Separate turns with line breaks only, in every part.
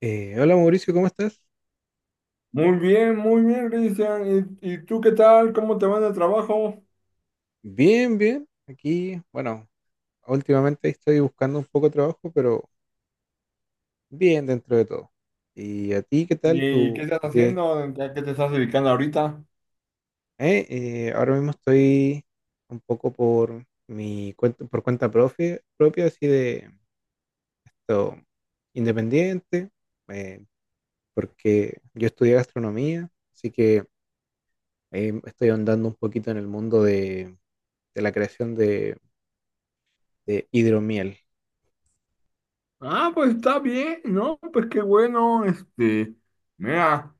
Hola Mauricio, ¿cómo estás?
Muy bien, Cristian. ¿Y tú qué tal? ¿Cómo te va en el trabajo?
Bien, bien. Aquí, bueno, últimamente estoy buscando un poco de trabajo, pero bien dentro de todo. ¿Y a ti qué tal?
¿Y
¿Tú
qué estás
qué?
haciendo? ¿A qué te estás dedicando ahorita?
Ahora mismo estoy un poco por mi cuenta, por propia, así de todo independiente, eh, porque yo estudié gastronomía, así que estoy andando un poquito en el mundo de la creación de hidromiel.
Ah, pues está bien, ¿no? Pues qué bueno, este, mira,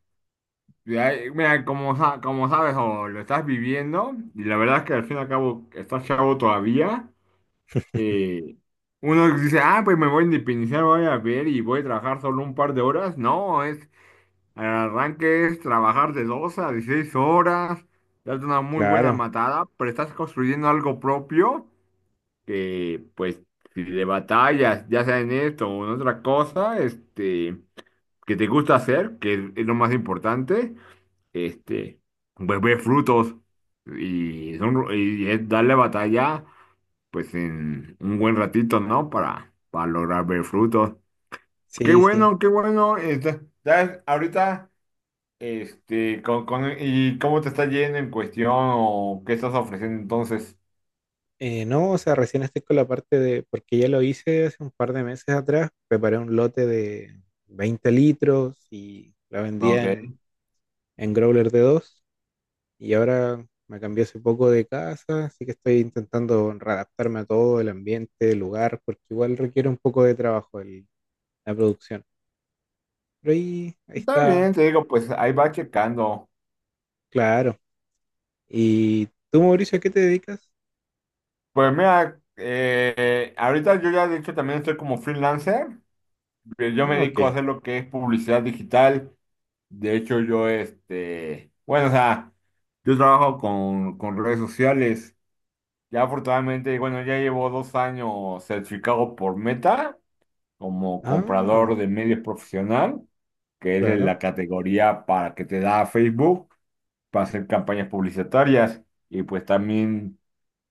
mira, como, como sabes o lo estás viviendo, y la verdad es que al fin y al cabo estás chavo todavía, eh, uno dice, ah, pues me voy a independizar, voy a ver y voy a trabajar solo un par de horas. No, es el arranque es trabajar de 2 a 16 horas, darte una muy buena
Claro,
matada, pero estás construyendo algo propio que, pues, si le batallas, ya sea en esto o en otra cosa, este, que te gusta hacer, que es lo más importante, este, pues ve frutos y, y es darle batalla, pues, en un buen ratito, ¿no? Para lograr ver frutos. Qué
sí, sí.
bueno, qué bueno. Este, ¿sabes? Ahorita. Este, con, ¿y cómo te está yendo en cuestión o qué estás ofreciendo entonces?
No, o sea, recién estoy con la parte de, porque ya lo hice hace un par de meses atrás, preparé un lote de 20 litros y la vendía
Ok.
en growler de 2 y ahora me cambié hace poco de casa, así que estoy intentando readaptarme a todo, el ambiente, el lugar, porque igual requiere un poco de trabajo la producción. Pero ahí, ahí
Está
está,
bien, te digo, pues ahí va checando.
claro. ¿Y tú, Mauricio, a qué te dedicas?
Pues mira, ahorita yo ya de hecho también estoy como freelancer. Yo me
Ah,
dedico a
ok.
hacer lo que es publicidad digital. De hecho, yo este, bueno, o sea, yo trabajo con redes sociales. Ya afortunadamente, bueno, ya llevo 2 años certificado por Meta como
Ah,
comprador de medios profesional. Que es en
claro.
la categoría para que te da Facebook para hacer campañas publicitarias. Y pues también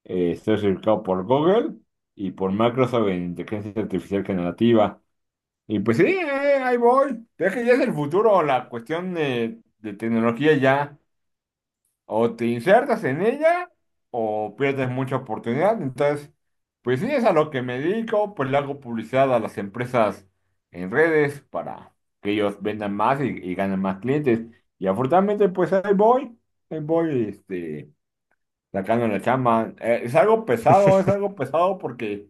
estoy certificado por Google y por Microsoft en inteligencia artificial generativa. Y pues sí, ahí voy. Es que ya es el futuro, la cuestión de tecnología ya o te insertas en ella o pierdes mucha oportunidad. Entonces, pues sí, es a lo que me dedico, pues le hago publicidad a las empresas en redes para que ellos vendan más y ganen más clientes. Y afortunadamente, pues ahí voy, este, sacando la chamba. Es algo pesado, es algo pesado porque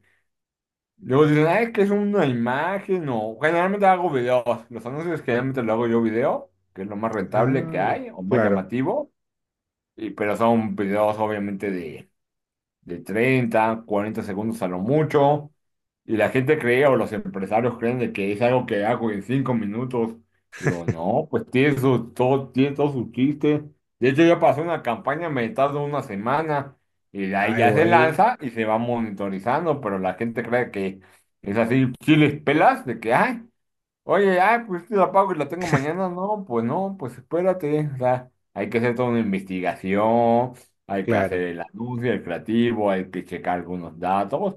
luego dicen, ay, es que es una imagen o generalmente hago videos. Los anuncios generalmente lo hago yo video, que es lo más rentable que
Ah,
hay o más
claro.
llamativo. Pero son videos obviamente de 30 40 segundos a lo mucho. Y la gente cree o los empresarios creen de que es algo que hago en 5 minutos. Digo, no, pues todo, tiene todo su chiste. De hecho, yo pasé una campaña, me tardo una semana y de ahí
Ah,
ya se
igual,
lanza y se va monitorizando, pero la gente cree que es así, chiles pelas, de que, ay, oye, ah, pues te la pago y la tengo mañana. No, pues no, pues espérate. O sea, hay que hacer toda una investigación, hay que
claro.
hacer el anuncio, el creativo, hay que checar algunos datos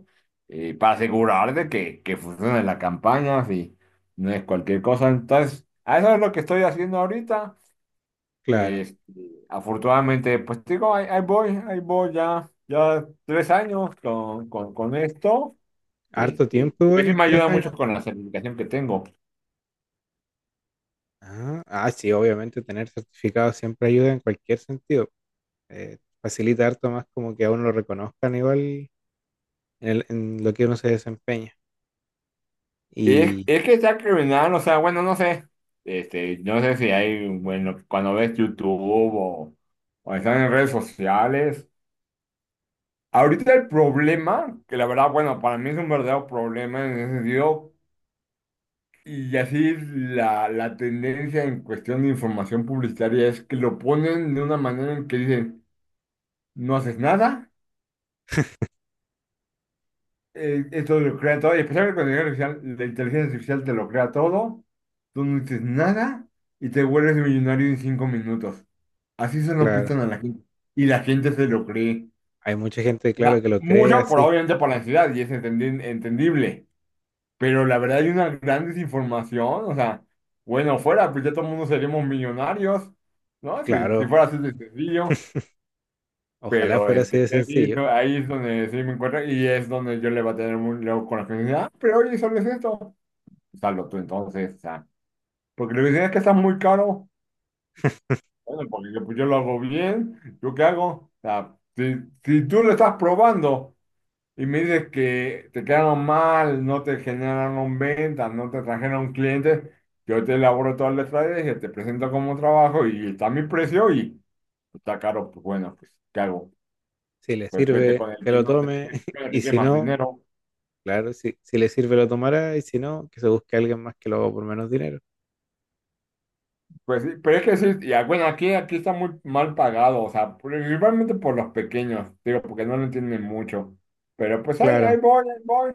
para asegurar de que, funcione la campaña, si no es cualquier cosa. Entonces, a eso es lo que estoy haciendo ahorita.
Claro,
Este, afortunadamente, pues te digo, ahí voy, ahí voy ya 3 años con esto.
harto
Este,
tiempo
pues sí
igual,
me
tres
ayuda mucho
años.
con la certificación que tengo.
Ah, ah, sí, obviamente tener certificado siempre ayuda en cualquier sentido. Facilita harto más como que a uno lo reconozcan igual en, en lo que uno se desempeña.
Y es,
Y
es que sea criminal, o sea, bueno, no sé. Este, no sé si hay, bueno, cuando ves YouTube o, o están en redes sociales. Ahorita el problema, que la verdad, bueno, para mí es un verdadero problema en ese sentido, y así la tendencia en cuestión de información publicitaria es que lo ponen de una manera en que dicen, no haces nada. Esto lo crea todo, y especialmente cuando la inteligencia artificial te lo crea todo, tú no dices nada y te vuelves millonario en 5 minutos. Así se lo
claro,
pintan a la gente. Y la gente se lo cree.
hay mucha gente,
O
claro,
sea,
que lo cree
mucho por
así.
obviamente por la ansiedad, y es entendible. Pero la verdad hay una gran desinformación. O sea, bueno, fuera, pues ya todo el mundo seríamos millonarios, ¿no? Si
Claro,
fuera así de sencillo.
ojalá
Pero
fuera así
este,
de
así,
sencillo.
no, ahí es donde sí me encuentro y es donde yo le va a tener muy luego con la gente. Ah, pero oye, solo es esto. Salvo tú entonces, o sea, porque le dicen es que está muy caro. Bueno, porque yo, pues, yo lo hago bien, ¿yo qué hago? O sea, si tú lo estás probando y me dices que te quedaron mal, no te generaron ventas, no te trajeron clientes, yo te elaboro toda la estrategia, te presento como trabajo y está mi precio y está caro, pues bueno, pues, ¿qué hago?
Si le
Pues vete
sirve,
con el
que
que
lo
no te
tome.
con el que
Y
tiene
si
más
no,
dinero.
claro, si, si le sirve, lo tomará. Y si no, que se busque alguien más que lo haga por menos dinero.
Pues sí, pero es que sí, y ah, bueno, aquí está muy mal pagado, o sea, principalmente por los pequeños, digo, porque no lo entienden mucho. Pero pues ahí,
Claro.
ahí voy, ahí voy.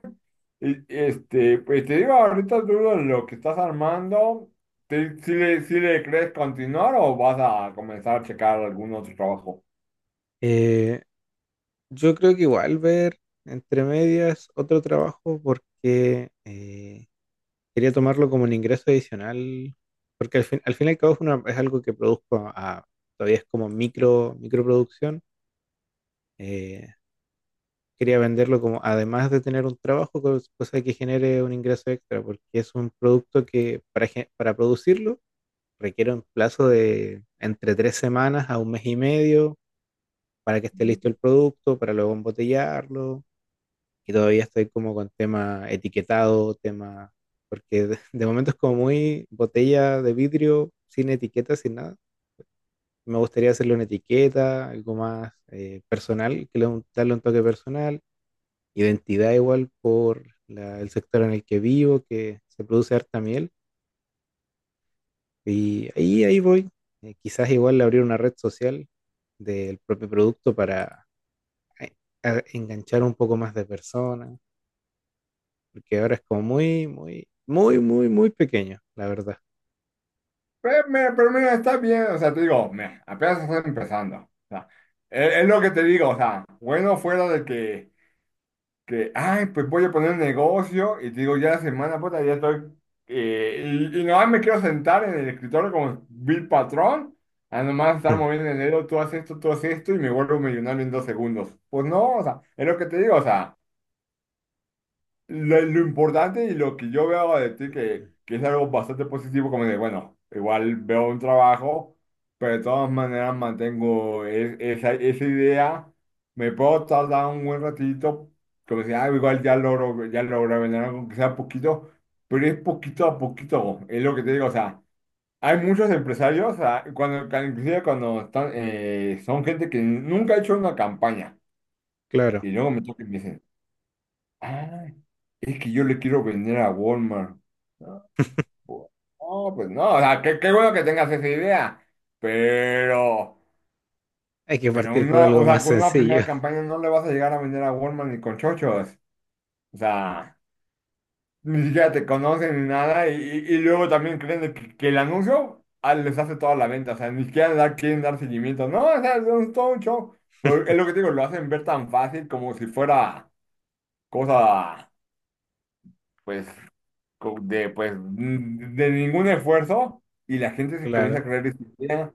Y este, pues te digo, ahorita dudo lo que estás armando. ¿Si le, si le crees continuar o vas a comenzar a checar algún otro trabajo?
Eh, Yo creo que igual ver entre medias otro trabajo porque quería tomarlo como un ingreso adicional, porque al fin y al cabo es, es algo que produzco, todavía es como micro, microproducción. Eh, quería venderlo como, además de tener un trabajo, cosa que genere un ingreso extra, porque es un producto que para, para producirlo requiere un plazo de entre 3 semanas a 1 mes y medio para que esté listo el producto, para luego embotellarlo y todavía estoy como con tema etiquetado, tema, porque de momento es como muy botella de vidrio, sin etiqueta, sin nada. Me gustaría hacerle una etiqueta, algo más personal, que le, darle un toque personal, identidad igual por el sector en el que vivo, que se produce harta miel, y ahí, ahí voy. Quizás igual abrir una red social del propio producto para eh, enganchar un poco más de personas. Porque ahora es como muy, muy, muy, muy, muy pequeño, la verdad.
Pero mira, está bien, o sea, te digo, mira, apenas estás empezando. O sea, es lo que te digo, o sea, bueno fuera de que ay, pues voy a poner un negocio y te digo, ya la semana, puta, ya estoy, y nomás me quiero sentar en el escritorio como Bill Patrón, a nomás estar moviendo el dedo, tú haces esto, y me vuelvo millonario en 2 segundos. Pues no, o sea, es lo que te digo, o sea. Lo importante y lo que yo veo de ti, que es algo bastante positivo, como de, bueno, igual veo un trabajo, pero de todas maneras mantengo esa idea, me puedo tardar un buen ratito, como si, ah, igual ya logro vender algo, que sea poquito, pero es poquito a poquito, es lo que te digo, o sea, hay muchos empresarios, o sea, cuando, inclusive cuando están, son gente que nunca ha hecho una campaña,
Claro,
y luego me toca y me dicen, "Ah, es que yo le quiero vender a Walmart. Ah, pues ah, pues no, o sea, qué bueno que tengas esa idea, pero,
hay que
pero
partir por
una, o
algo más
sea, con una primera
sencillo.
campaña no le vas a llegar a vender a Walmart ni con chochos. O sea, ni siquiera te conocen ni nada, y luego también creen de que el anuncio ah, les hace toda la venta, o sea, ni siquiera quieren dar seguimiento. No, o sea, es todo un show. Pero es lo que te digo, lo hacen ver tan fácil como si fuera cosa, pues. De de ningún esfuerzo y la gente se comienza a
Claro,
creer esa idea.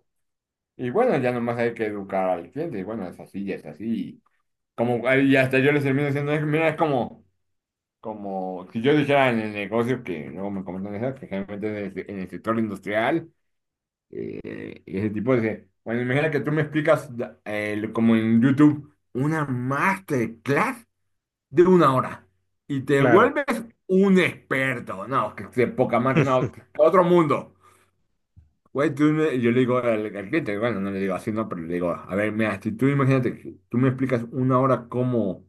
Y bueno, ya nomás hay que educar al cliente. Y bueno, es así. Y, como, y hasta yo les termino diciendo, Mira, es como si yo dijera en el negocio que luego me comentan eso, que generalmente en el sector industrial, y ese tipo de. Bueno, imagina que tú me explicas como en YouTube una masterclass de una hora y te
claro.
vuelves un experto. No, que de poca madre, no, otro mundo. Güey, yo le digo al cliente, bueno, no le digo así, no, pero le digo, a ver, mira, si tú imagínate, que tú me explicas una hora cómo,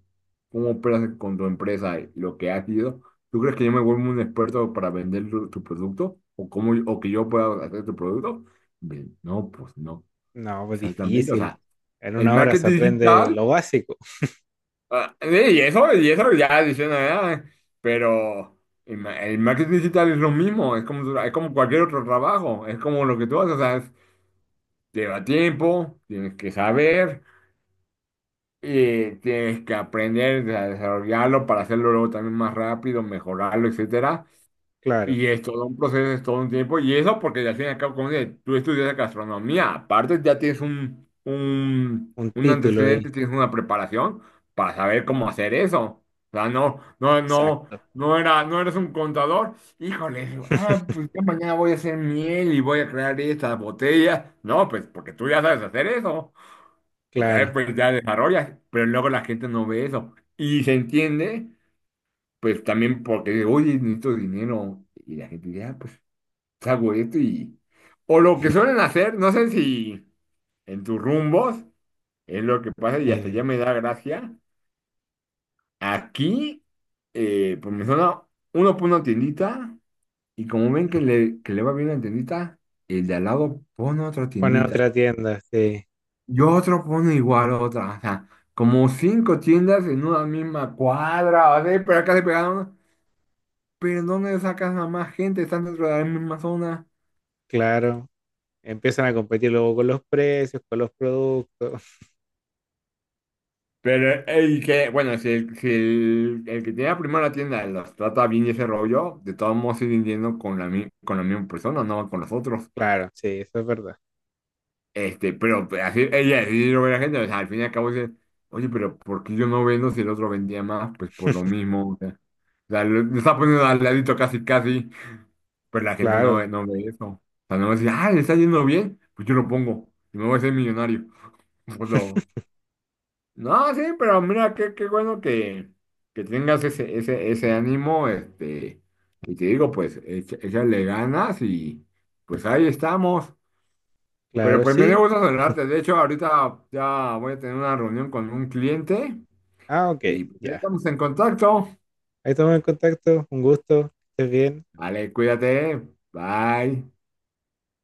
cómo operas con tu empresa, y lo que has sido, ¿tú crees que yo me vuelvo un experto para vender tu producto? ¿O que yo pueda hacer tu producto? Bien, no, pues no,
No, pues
exactamente, o
difícil.
sea,
En
el
una hora
marketing
se aprende
digital.
lo básico,
Ah, sí, y eso ya diciendo, ah, pero el marketing digital es lo mismo, es como, es como cualquier otro trabajo, es como lo que tú haces, o sea, lleva tiempo, tienes que saber, y tienes que aprender a desarrollarlo para hacerlo luego también más rápido, mejorarlo, etcétera.
claro.
Y es todo un proceso, es todo un tiempo. Y eso porque ya al fin y al cabo, como dices, tú estudias gastronomía. Aparte, ya tienes un, un,
Un
un
título ahí,
antecedente, tienes una preparación para saber cómo hacer eso. O sea, no, no, no,
exacto,
no era, no eres un contador. Híjole, ah, pues ya mañana voy a hacer miel y voy a crear estas botellas. No, pues porque tú ya sabes hacer eso. Entonces,
claro.
pues ya desarrollas. Pero luego la gente no ve eso. Y se entiende, pues también porque, oye, necesito dinero. Y la gente dice, ah, pues hago esto y... O lo que suelen hacer, no sé si en tus rumbos es lo que pasa y hasta
Eh,
ya me da gracia. Aquí, pues me suena, uno pone una tiendita y como ven que le va bien la tiendita, el de al lado pone otra
Ponen
tiendita
otra tienda, sí,
y otro pone igual otra. O sea, como cinco tiendas en una misma cuadra, o sea, pero acá se pegaron, pero ¿dónde sacas a más gente? Están dentro de la misma zona.
claro. Empiezan a competir luego con los precios, con los productos.
Pero el que, bueno, si el, si el, el que tiene primero la tienda los trata bien y ese rollo, de todos modos siguen yendo con la misma persona, no con los otros.
Claro, sí, eso es verdad.
Este, pero pues, así, ella sí lo ve la gente, o sea, al fin y al cabo dice, oye, pero ¿por qué yo no vendo si el otro vendía más? Pues por lo mismo, o sea, lo está poniendo al ladito casi, casi, pero la gente no
Claro,
ve, no ve eso. O sea, no va a decir, ah, le está yendo bien, pues yo lo pongo y me voy a ser millonario. Pues no. No, sí, pero mira, qué bueno que tengas ese ánimo, este, y te digo, pues, échale ganas y pues ahí estamos. Pero
claro,
pues me dio
sí.
gusto saludarte, de hecho, ahorita ya voy a tener una reunión con un cliente
Ah, ok,
y pues, ahí
ya.
estamos en contacto.
Ahí estamos en contacto, un gusto. Que estés bien.
Vale, cuídate, bye.